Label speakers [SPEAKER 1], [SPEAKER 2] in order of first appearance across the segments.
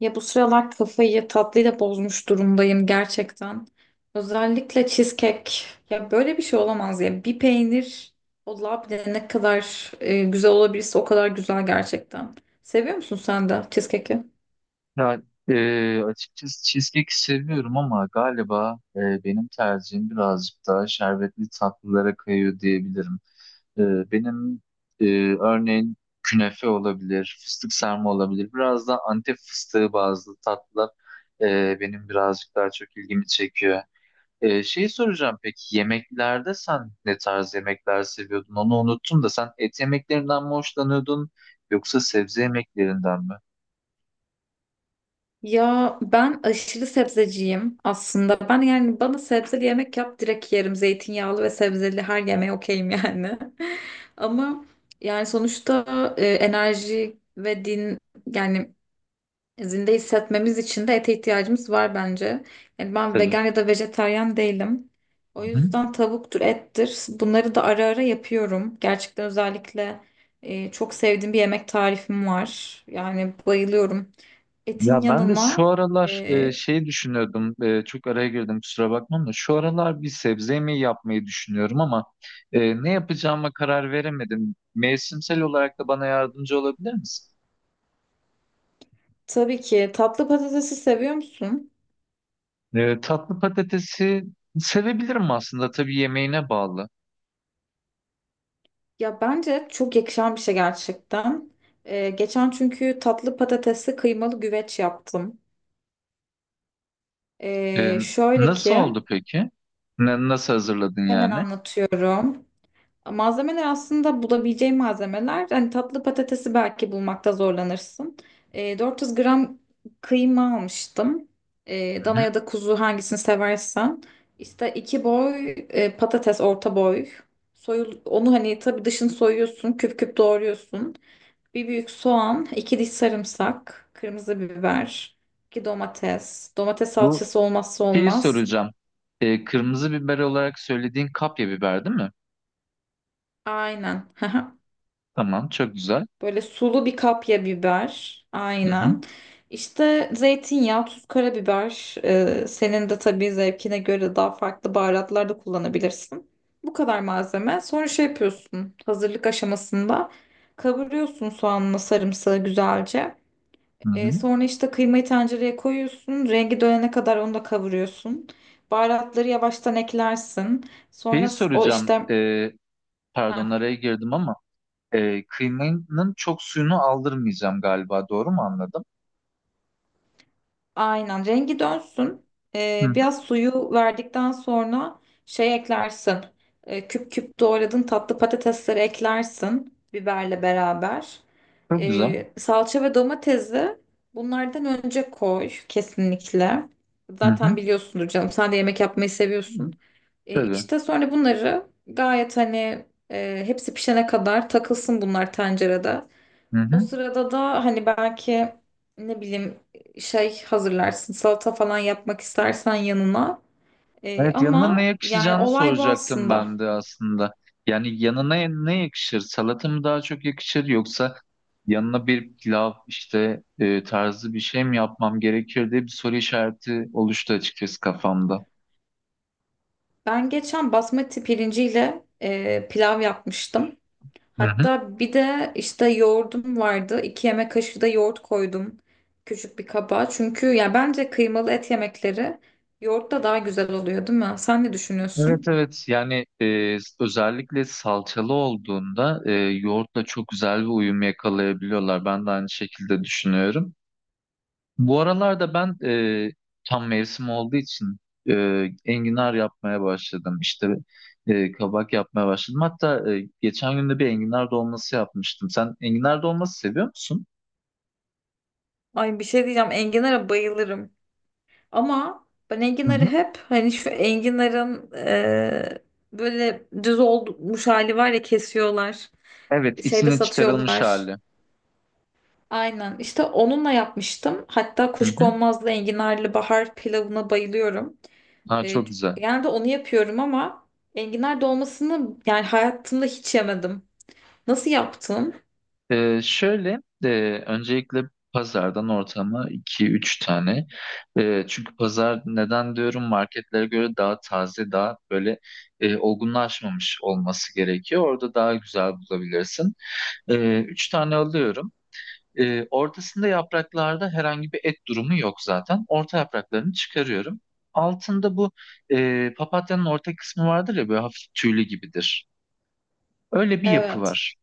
[SPEAKER 1] Ya bu sıralar kafayı tatlıyla bozmuş durumdayım gerçekten. Özellikle cheesecake. Ya böyle bir şey olamaz ya. Bir peynir o labne ne kadar güzel olabilirse o kadar güzel gerçekten. Seviyor musun sen de cheesecake'i?
[SPEAKER 2] Ya, açıkçası cheesecake seviyorum ama galiba benim tercihim birazcık daha şerbetli tatlılara kayıyor diyebilirim. Benim e, örneğin künefe olabilir, fıstık sarma olabilir. Biraz da Antep fıstığı bazlı tatlılar benim birazcık daha çok ilgimi çekiyor. Şey soracağım peki, yemeklerde sen ne tarz yemekler seviyordun? Onu unuttum da sen et yemeklerinden mi hoşlanıyordun yoksa sebze yemeklerinden mi?
[SPEAKER 1] Ya ben aşırı sebzeciyim aslında. Ben yani bana sebzeli yemek yap direkt yerim. Zeytinyağlı ve sebzeli her yemeğe okeyim yani. Ama yani sonuçta e, enerji ve din yani zinde hissetmemiz için de ete ihtiyacımız var bence. Yani ben
[SPEAKER 2] Tabii.
[SPEAKER 1] vegan ya da vejetaryen değilim. O
[SPEAKER 2] Hı hı.
[SPEAKER 1] yüzden tavuktur, ettir. Bunları da ara ara yapıyorum. Gerçekten özellikle çok sevdiğim bir yemek tarifim var. Yani bayılıyorum. Etin
[SPEAKER 2] Ya, ben de şu
[SPEAKER 1] yanına
[SPEAKER 2] aralar
[SPEAKER 1] e,
[SPEAKER 2] şey düşünüyordum, çok araya girdim kusura bakmam da şu aralar bir sebze yemeği yapmayı düşünüyorum ama ne yapacağıma karar veremedim. Mevsimsel olarak da bana yardımcı olabilir misin?
[SPEAKER 1] tabii ki tatlı patatesi seviyor musun?
[SPEAKER 2] Tatlı patatesi sevebilirim aslında, tabii yemeğine bağlı.
[SPEAKER 1] Ya bence çok yakışan bir şey gerçekten. Geçen çünkü tatlı patatesli kıymalı güveç yaptım.
[SPEAKER 2] E,
[SPEAKER 1] Şöyle
[SPEAKER 2] Nasıl
[SPEAKER 1] ki
[SPEAKER 2] oldu peki? Nasıl hazırladın
[SPEAKER 1] hemen
[SPEAKER 2] yani?
[SPEAKER 1] anlatıyorum. Malzemeler aslında bulabileceğin malzemeler. Hani tatlı patatesi belki bulmakta zorlanırsın. 400 gram kıyma almıştım.
[SPEAKER 2] Hı
[SPEAKER 1] Dana
[SPEAKER 2] hı.
[SPEAKER 1] ya da kuzu hangisini seversen. İşte iki boy patates orta boy. Soyul, onu hani tabii dışını soyuyorsun, küp küp doğruyorsun. Bir büyük soğan, iki diş sarımsak, kırmızı biber, iki domates. Domates
[SPEAKER 2] Bu
[SPEAKER 1] salçası olmazsa
[SPEAKER 2] şeyi
[SPEAKER 1] olmaz.
[SPEAKER 2] soracağım. Kırmızı biber olarak söylediğin kapya biber değil mi?
[SPEAKER 1] Aynen.
[SPEAKER 2] Tamam, çok güzel.
[SPEAKER 1] Böyle sulu bir kapya biber.
[SPEAKER 2] Hı hı.
[SPEAKER 1] Aynen. İşte zeytinyağı, tuz, karabiber. Senin de tabii zevkine göre daha farklı baharatlar da kullanabilirsin. Bu kadar malzeme. Sonra şey yapıyorsun. Hazırlık aşamasında kavuruyorsun soğanla sarımsağı güzelce.
[SPEAKER 2] Hı hı.
[SPEAKER 1] Sonra işte kıymayı tencereye koyuyorsun. Rengi dönene kadar onu da kavuruyorsun. Baharatları yavaştan eklersin.
[SPEAKER 2] Şeyi
[SPEAKER 1] Sonra o
[SPEAKER 2] soracağım.
[SPEAKER 1] işte
[SPEAKER 2] e,
[SPEAKER 1] heh.
[SPEAKER 2] pardon araya girdim ama kıymanın çok suyunu aldırmayacağım galiba. Doğru mu anladım?
[SPEAKER 1] Aynen rengi dönsün.
[SPEAKER 2] Hı hı.
[SPEAKER 1] Biraz suyu verdikten sonra şey eklersin. Küp küp doğradığın tatlı patatesleri eklersin biberle beraber.
[SPEAKER 2] Çok güzel.
[SPEAKER 1] Salça ve domatesi bunlardan önce koy kesinlikle.
[SPEAKER 2] Hı
[SPEAKER 1] Zaten
[SPEAKER 2] hı.
[SPEAKER 1] biliyorsundur canım sen de yemek yapmayı seviyorsun.
[SPEAKER 2] Tabii.
[SPEAKER 1] İşte sonra bunları gayet hani hepsi pişene kadar takılsın bunlar tencerede.
[SPEAKER 2] Hı
[SPEAKER 1] O
[SPEAKER 2] hı.
[SPEAKER 1] sırada da hani belki ne bileyim şey hazırlarsın salata falan yapmak istersen yanına.
[SPEAKER 2] Evet, yanına ne
[SPEAKER 1] Ama yani
[SPEAKER 2] yakışacağını
[SPEAKER 1] olay bu
[SPEAKER 2] soracaktım ben
[SPEAKER 1] aslında.
[SPEAKER 2] de aslında. Yani yanına ne yakışır? Salata mı daha çok yakışır yoksa yanına bir pilav işte tarzı bir şey mi yapmam gerekir diye bir soru işareti oluştu açıkçası kafamda.
[SPEAKER 1] Ben geçen basmati pirinciyle pilav yapmıştım.
[SPEAKER 2] Hı hı.
[SPEAKER 1] Hatta bir de işte yoğurdum vardı. İki yemek kaşığı da yoğurt koydum küçük bir kaba. Çünkü ya bence kıymalı et yemekleri yoğurtla daha güzel oluyor, değil mi? Sen ne
[SPEAKER 2] Evet,
[SPEAKER 1] düşünüyorsun?
[SPEAKER 2] evet, yani özellikle salçalı olduğunda yoğurtla çok güzel bir uyum yakalayabiliyorlar. Ben de aynı şekilde düşünüyorum. Bu aralarda ben tam mevsim olduğu için enginar yapmaya başladım. İşte kabak yapmaya başladım. Hatta geçen gün de bir enginar dolması yapmıştım. Sen enginar dolması seviyor musun?
[SPEAKER 1] Ay bir şey diyeceğim. Enginar'a bayılırım. Ama ben
[SPEAKER 2] Hı
[SPEAKER 1] enginarı
[SPEAKER 2] hı.
[SPEAKER 1] hep hani şu enginarın böyle düz olmuş hali var ya kesiyorlar.
[SPEAKER 2] Evet,
[SPEAKER 1] Şeyde
[SPEAKER 2] içine çıkarılmış
[SPEAKER 1] satıyorlar.
[SPEAKER 2] hali.
[SPEAKER 1] Aynen. işte onunla yapmıştım. Hatta
[SPEAKER 2] Hı hı.
[SPEAKER 1] kuşkonmazlı enginarlı bahar pilavına bayılıyorum.
[SPEAKER 2] Ha,
[SPEAKER 1] E,
[SPEAKER 2] çok güzel.
[SPEAKER 1] Genelde onu yapıyorum ama enginar dolmasını yani hayatımda hiç yemedim. Nasıl yaptın?
[SPEAKER 2] Şöyle, öncelikle pazardan ortama iki üç tane. Çünkü pazar, neden diyorum, marketlere göre daha taze, daha böyle olgunlaşmamış olması gerekiyor. Orada daha güzel bulabilirsin. 3 tane alıyorum. Ortasında, yapraklarda herhangi bir et durumu yok zaten. Orta yapraklarını çıkarıyorum. Altında bu papatyanın orta kısmı vardır ya, böyle hafif tüylü gibidir. Öyle bir yapı
[SPEAKER 1] Evet.
[SPEAKER 2] var.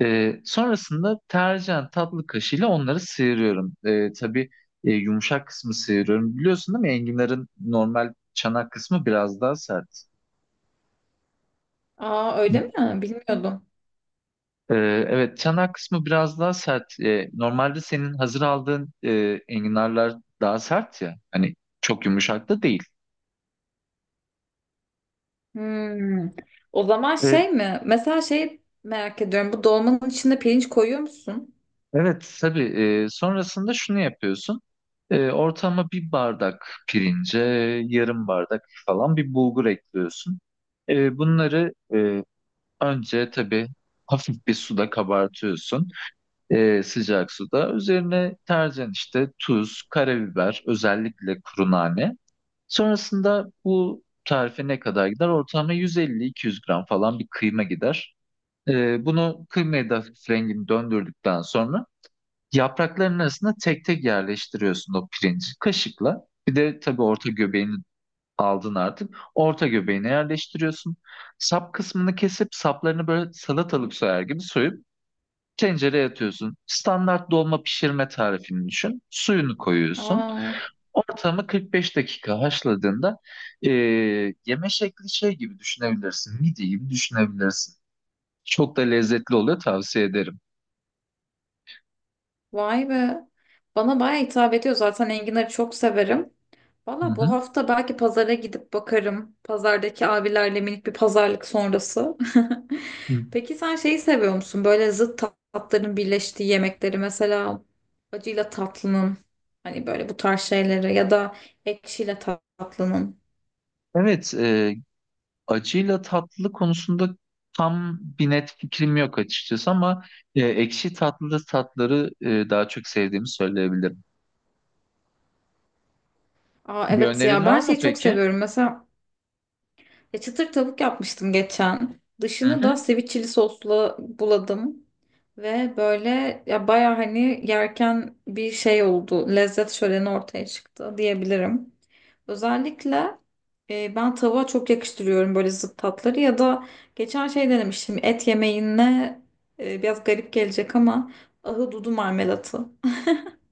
[SPEAKER 2] Sonrasında tercihen tatlı kaşığıyla onları sıyırıyorum. Tabii yumuşak kısmı sıyırıyorum. Biliyorsun değil mi? Enginarın normal çanak kısmı biraz daha sert.
[SPEAKER 1] Aa öyle mi? Bilmiyordum.
[SPEAKER 2] Ee, evet, çanak kısmı biraz daha sert. Normalde senin hazır aldığın enginarlar daha sert ya. Hani çok yumuşak da değil.
[SPEAKER 1] Hmm. O zaman
[SPEAKER 2] Ee,
[SPEAKER 1] şey mi? Mesela şey merak ediyorum. Bu dolmanın içinde pirinç koyuyor musun?
[SPEAKER 2] evet, tabii, sonrasında şunu yapıyorsun. Ortama bir bardak pirince, yarım bardak falan bir bulgur ekliyorsun. Bunları önce tabii hafif bir suda kabartıyorsun. Sıcak suda. Üzerine tercihen işte tuz, karabiber, özellikle kuru nane. Sonrasında bu tarife ne kadar gider? Ortalama 150-200 gram falan bir kıyma gider. Bunu kıymaya da hafif rengini döndürdükten sonra yaprakların arasında tek tek yerleştiriyorsun o pirinci kaşıkla. Bir de tabii orta göbeğinin aldın artık. Orta göbeğine yerleştiriyorsun. Sap kısmını kesip saplarını böyle salatalık soyar gibi soyup tencereye atıyorsun. Standart dolma pişirme tarifini düşün. Suyunu koyuyorsun.
[SPEAKER 1] Aa,
[SPEAKER 2] Ortamı 45 dakika haşladığında e, yeme şekli şey gibi düşünebilirsin. Midye gibi düşünebilirsin. Çok da lezzetli oluyor, tavsiye ederim.
[SPEAKER 1] vay be. Bana bayağı hitap ediyor. Zaten enginarı çok severim.
[SPEAKER 2] Hı
[SPEAKER 1] Valla bu
[SPEAKER 2] hı.
[SPEAKER 1] hafta belki pazara gidip bakarım. Pazardaki abilerle minik bir pazarlık sonrası.
[SPEAKER 2] Hı.
[SPEAKER 1] Peki sen şeyi seviyor musun? Böyle zıt tatların birleştiği yemekleri. Mesela acıyla tatlının. Hani böyle bu tarz şeyleri. Ya da ekşiyle tatlının.
[SPEAKER 2] Evet, acıyla tatlı konusunda tam bir net fikrim yok açıkçası ama ekşi tatlı tatları daha çok sevdiğimi söyleyebilirim.
[SPEAKER 1] Aa,
[SPEAKER 2] Bir
[SPEAKER 1] evet
[SPEAKER 2] önerin
[SPEAKER 1] ya ben
[SPEAKER 2] var mı
[SPEAKER 1] şeyi çok
[SPEAKER 2] peki?
[SPEAKER 1] seviyorum. Mesela ya çıtır tavuk yapmıştım geçen.
[SPEAKER 2] Hı
[SPEAKER 1] Dışını da
[SPEAKER 2] hı.
[SPEAKER 1] sweet sosla buladım. Ve böyle ya baya hani yerken bir şey oldu. Lezzet şöleni ortaya çıktı diyebilirim. Özellikle ben tavuğa çok yakıştırıyorum böyle zıt tatları ya da geçen şey denemiştim. Et yemeğine biraz garip gelecek ama ahududu marmelatı.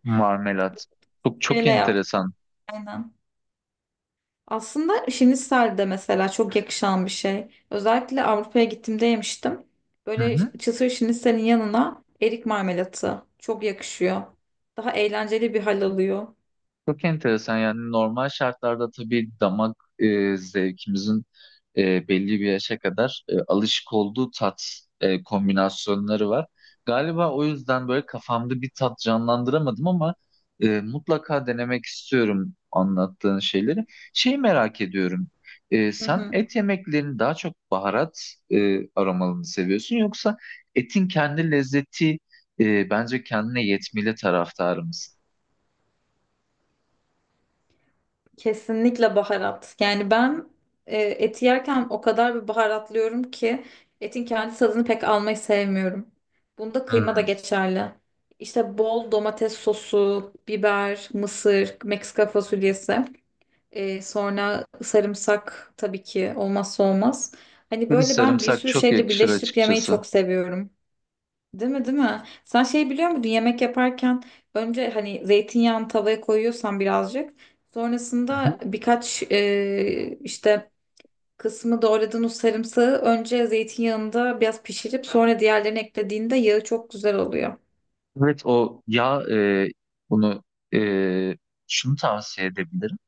[SPEAKER 2] Marmelat. Çok çok
[SPEAKER 1] Şeyle yaptım
[SPEAKER 2] enteresan.
[SPEAKER 1] aynen. Aslında şinisel de mesela çok yakışan bir şey. Özellikle Avrupa'ya gittiğimde yemiştim.
[SPEAKER 2] Hı
[SPEAKER 1] Böyle
[SPEAKER 2] hı.
[SPEAKER 1] çıtır şiniselin yanına erik marmelatı çok yakışıyor. Daha eğlenceli bir hal alıyor.
[SPEAKER 2] Çok enteresan, yani normal şartlarda tabii damak zevkimizin belli bir yaşa kadar alışık olduğu tat kombinasyonları var. Galiba o yüzden böyle kafamda bir tat canlandıramadım ama mutlaka denemek istiyorum anlattığın şeyleri. Şeyi merak ediyorum.
[SPEAKER 1] Hı
[SPEAKER 2] Sen
[SPEAKER 1] hı.
[SPEAKER 2] et yemeklerini daha çok baharat aromalı mı seviyorsun yoksa etin kendi lezzeti bence kendine yetmeli taraftarı mısın?
[SPEAKER 1] Kesinlikle baharat. Yani ben eti yerken o kadar bir baharatlıyorum ki etin kendi tadını pek almayı sevmiyorum. Bunda kıyma da
[SPEAKER 2] Hmm.
[SPEAKER 1] geçerli. İşte bol domates sosu, biber, mısır, Meksika fasulyesi. Sonra sarımsak tabii ki olmazsa olmaz. Hani
[SPEAKER 2] Tabii,
[SPEAKER 1] böyle ben bir
[SPEAKER 2] sarımsak
[SPEAKER 1] sürü
[SPEAKER 2] çok
[SPEAKER 1] şeyle
[SPEAKER 2] yakışır
[SPEAKER 1] birleştirip yemeyi
[SPEAKER 2] açıkçası.
[SPEAKER 1] çok seviyorum. Değil mi, değil mi? Sen şey biliyor muydun? Yemek yaparken önce hani zeytinyağını tavaya koyuyorsan birazcık. Sonrasında
[SPEAKER 2] Hı-hı.
[SPEAKER 1] birkaç işte kısmı doğradığın o sarımsağı önce zeytinyağında biraz pişirip sonra diğerlerini eklediğinde yağı çok güzel oluyor.
[SPEAKER 2] Evet, o yağ, bunu, e, şunu tavsiye edebilirim.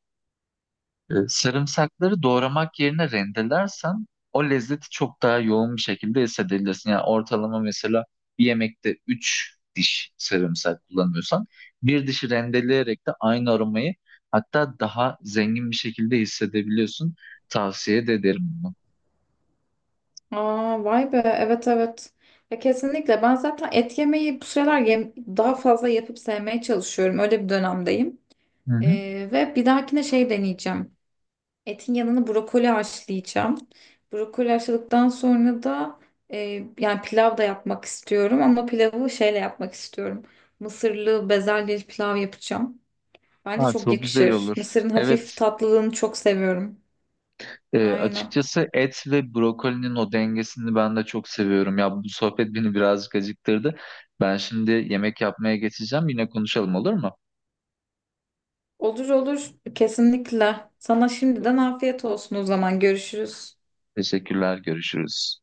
[SPEAKER 2] Sarımsakları doğramak yerine rendelersen o lezzeti çok daha yoğun bir şekilde hissedebilirsin. Yani ortalama mesela bir yemekte 3 diş sarımsak kullanıyorsan bir dişi rendeleyerek de aynı aromayı, hatta daha zengin bir şekilde hissedebiliyorsun. Tavsiye de ederim bunu.
[SPEAKER 1] Aa, vay be, evet, evet. Ya kesinlikle ben zaten et yemeyi bu sıralar daha fazla yapıp sevmeye çalışıyorum. Öyle bir dönemdeyim.
[SPEAKER 2] Hı hı.
[SPEAKER 1] Ve bir dahakine şey deneyeceğim. Etin yanına brokoli haşlayacağım. Brokoli haşladıktan sonra da yani pilav da yapmak istiyorum ama pilavı şeyle yapmak istiyorum. Mısırlı bezelyeli pilav yapacağım. Bence
[SPEAKER 2] Ha,
[SPEAKER 1] çok
[SPEAKER 2] çok güzel
[SPEAKER 1] yakışır.
[SPEAKER 2] olur.
[SPEAKER 1] Mısırın hafif
[SPEAKER 2] Evet.
[SPEAKER 1] tatlılığını çok seviyorum. Aynen.
[SPEAKER 2] Açıkçası et ve brokolinin o dengesini ben de çok seviyorum. Ya, bu sohbet beni birazcık acıktırdı. Ben şimdi yemek yapmaya geçeceğim. Yine konuşalım, olur mu?
[SPEAKER 1] Olur, olur, kesinlikle. Sana şimdiden afiyet olsun, o zaman görüşürüz.
[SPEAKER 2] Teşekkürler, görüşürüz.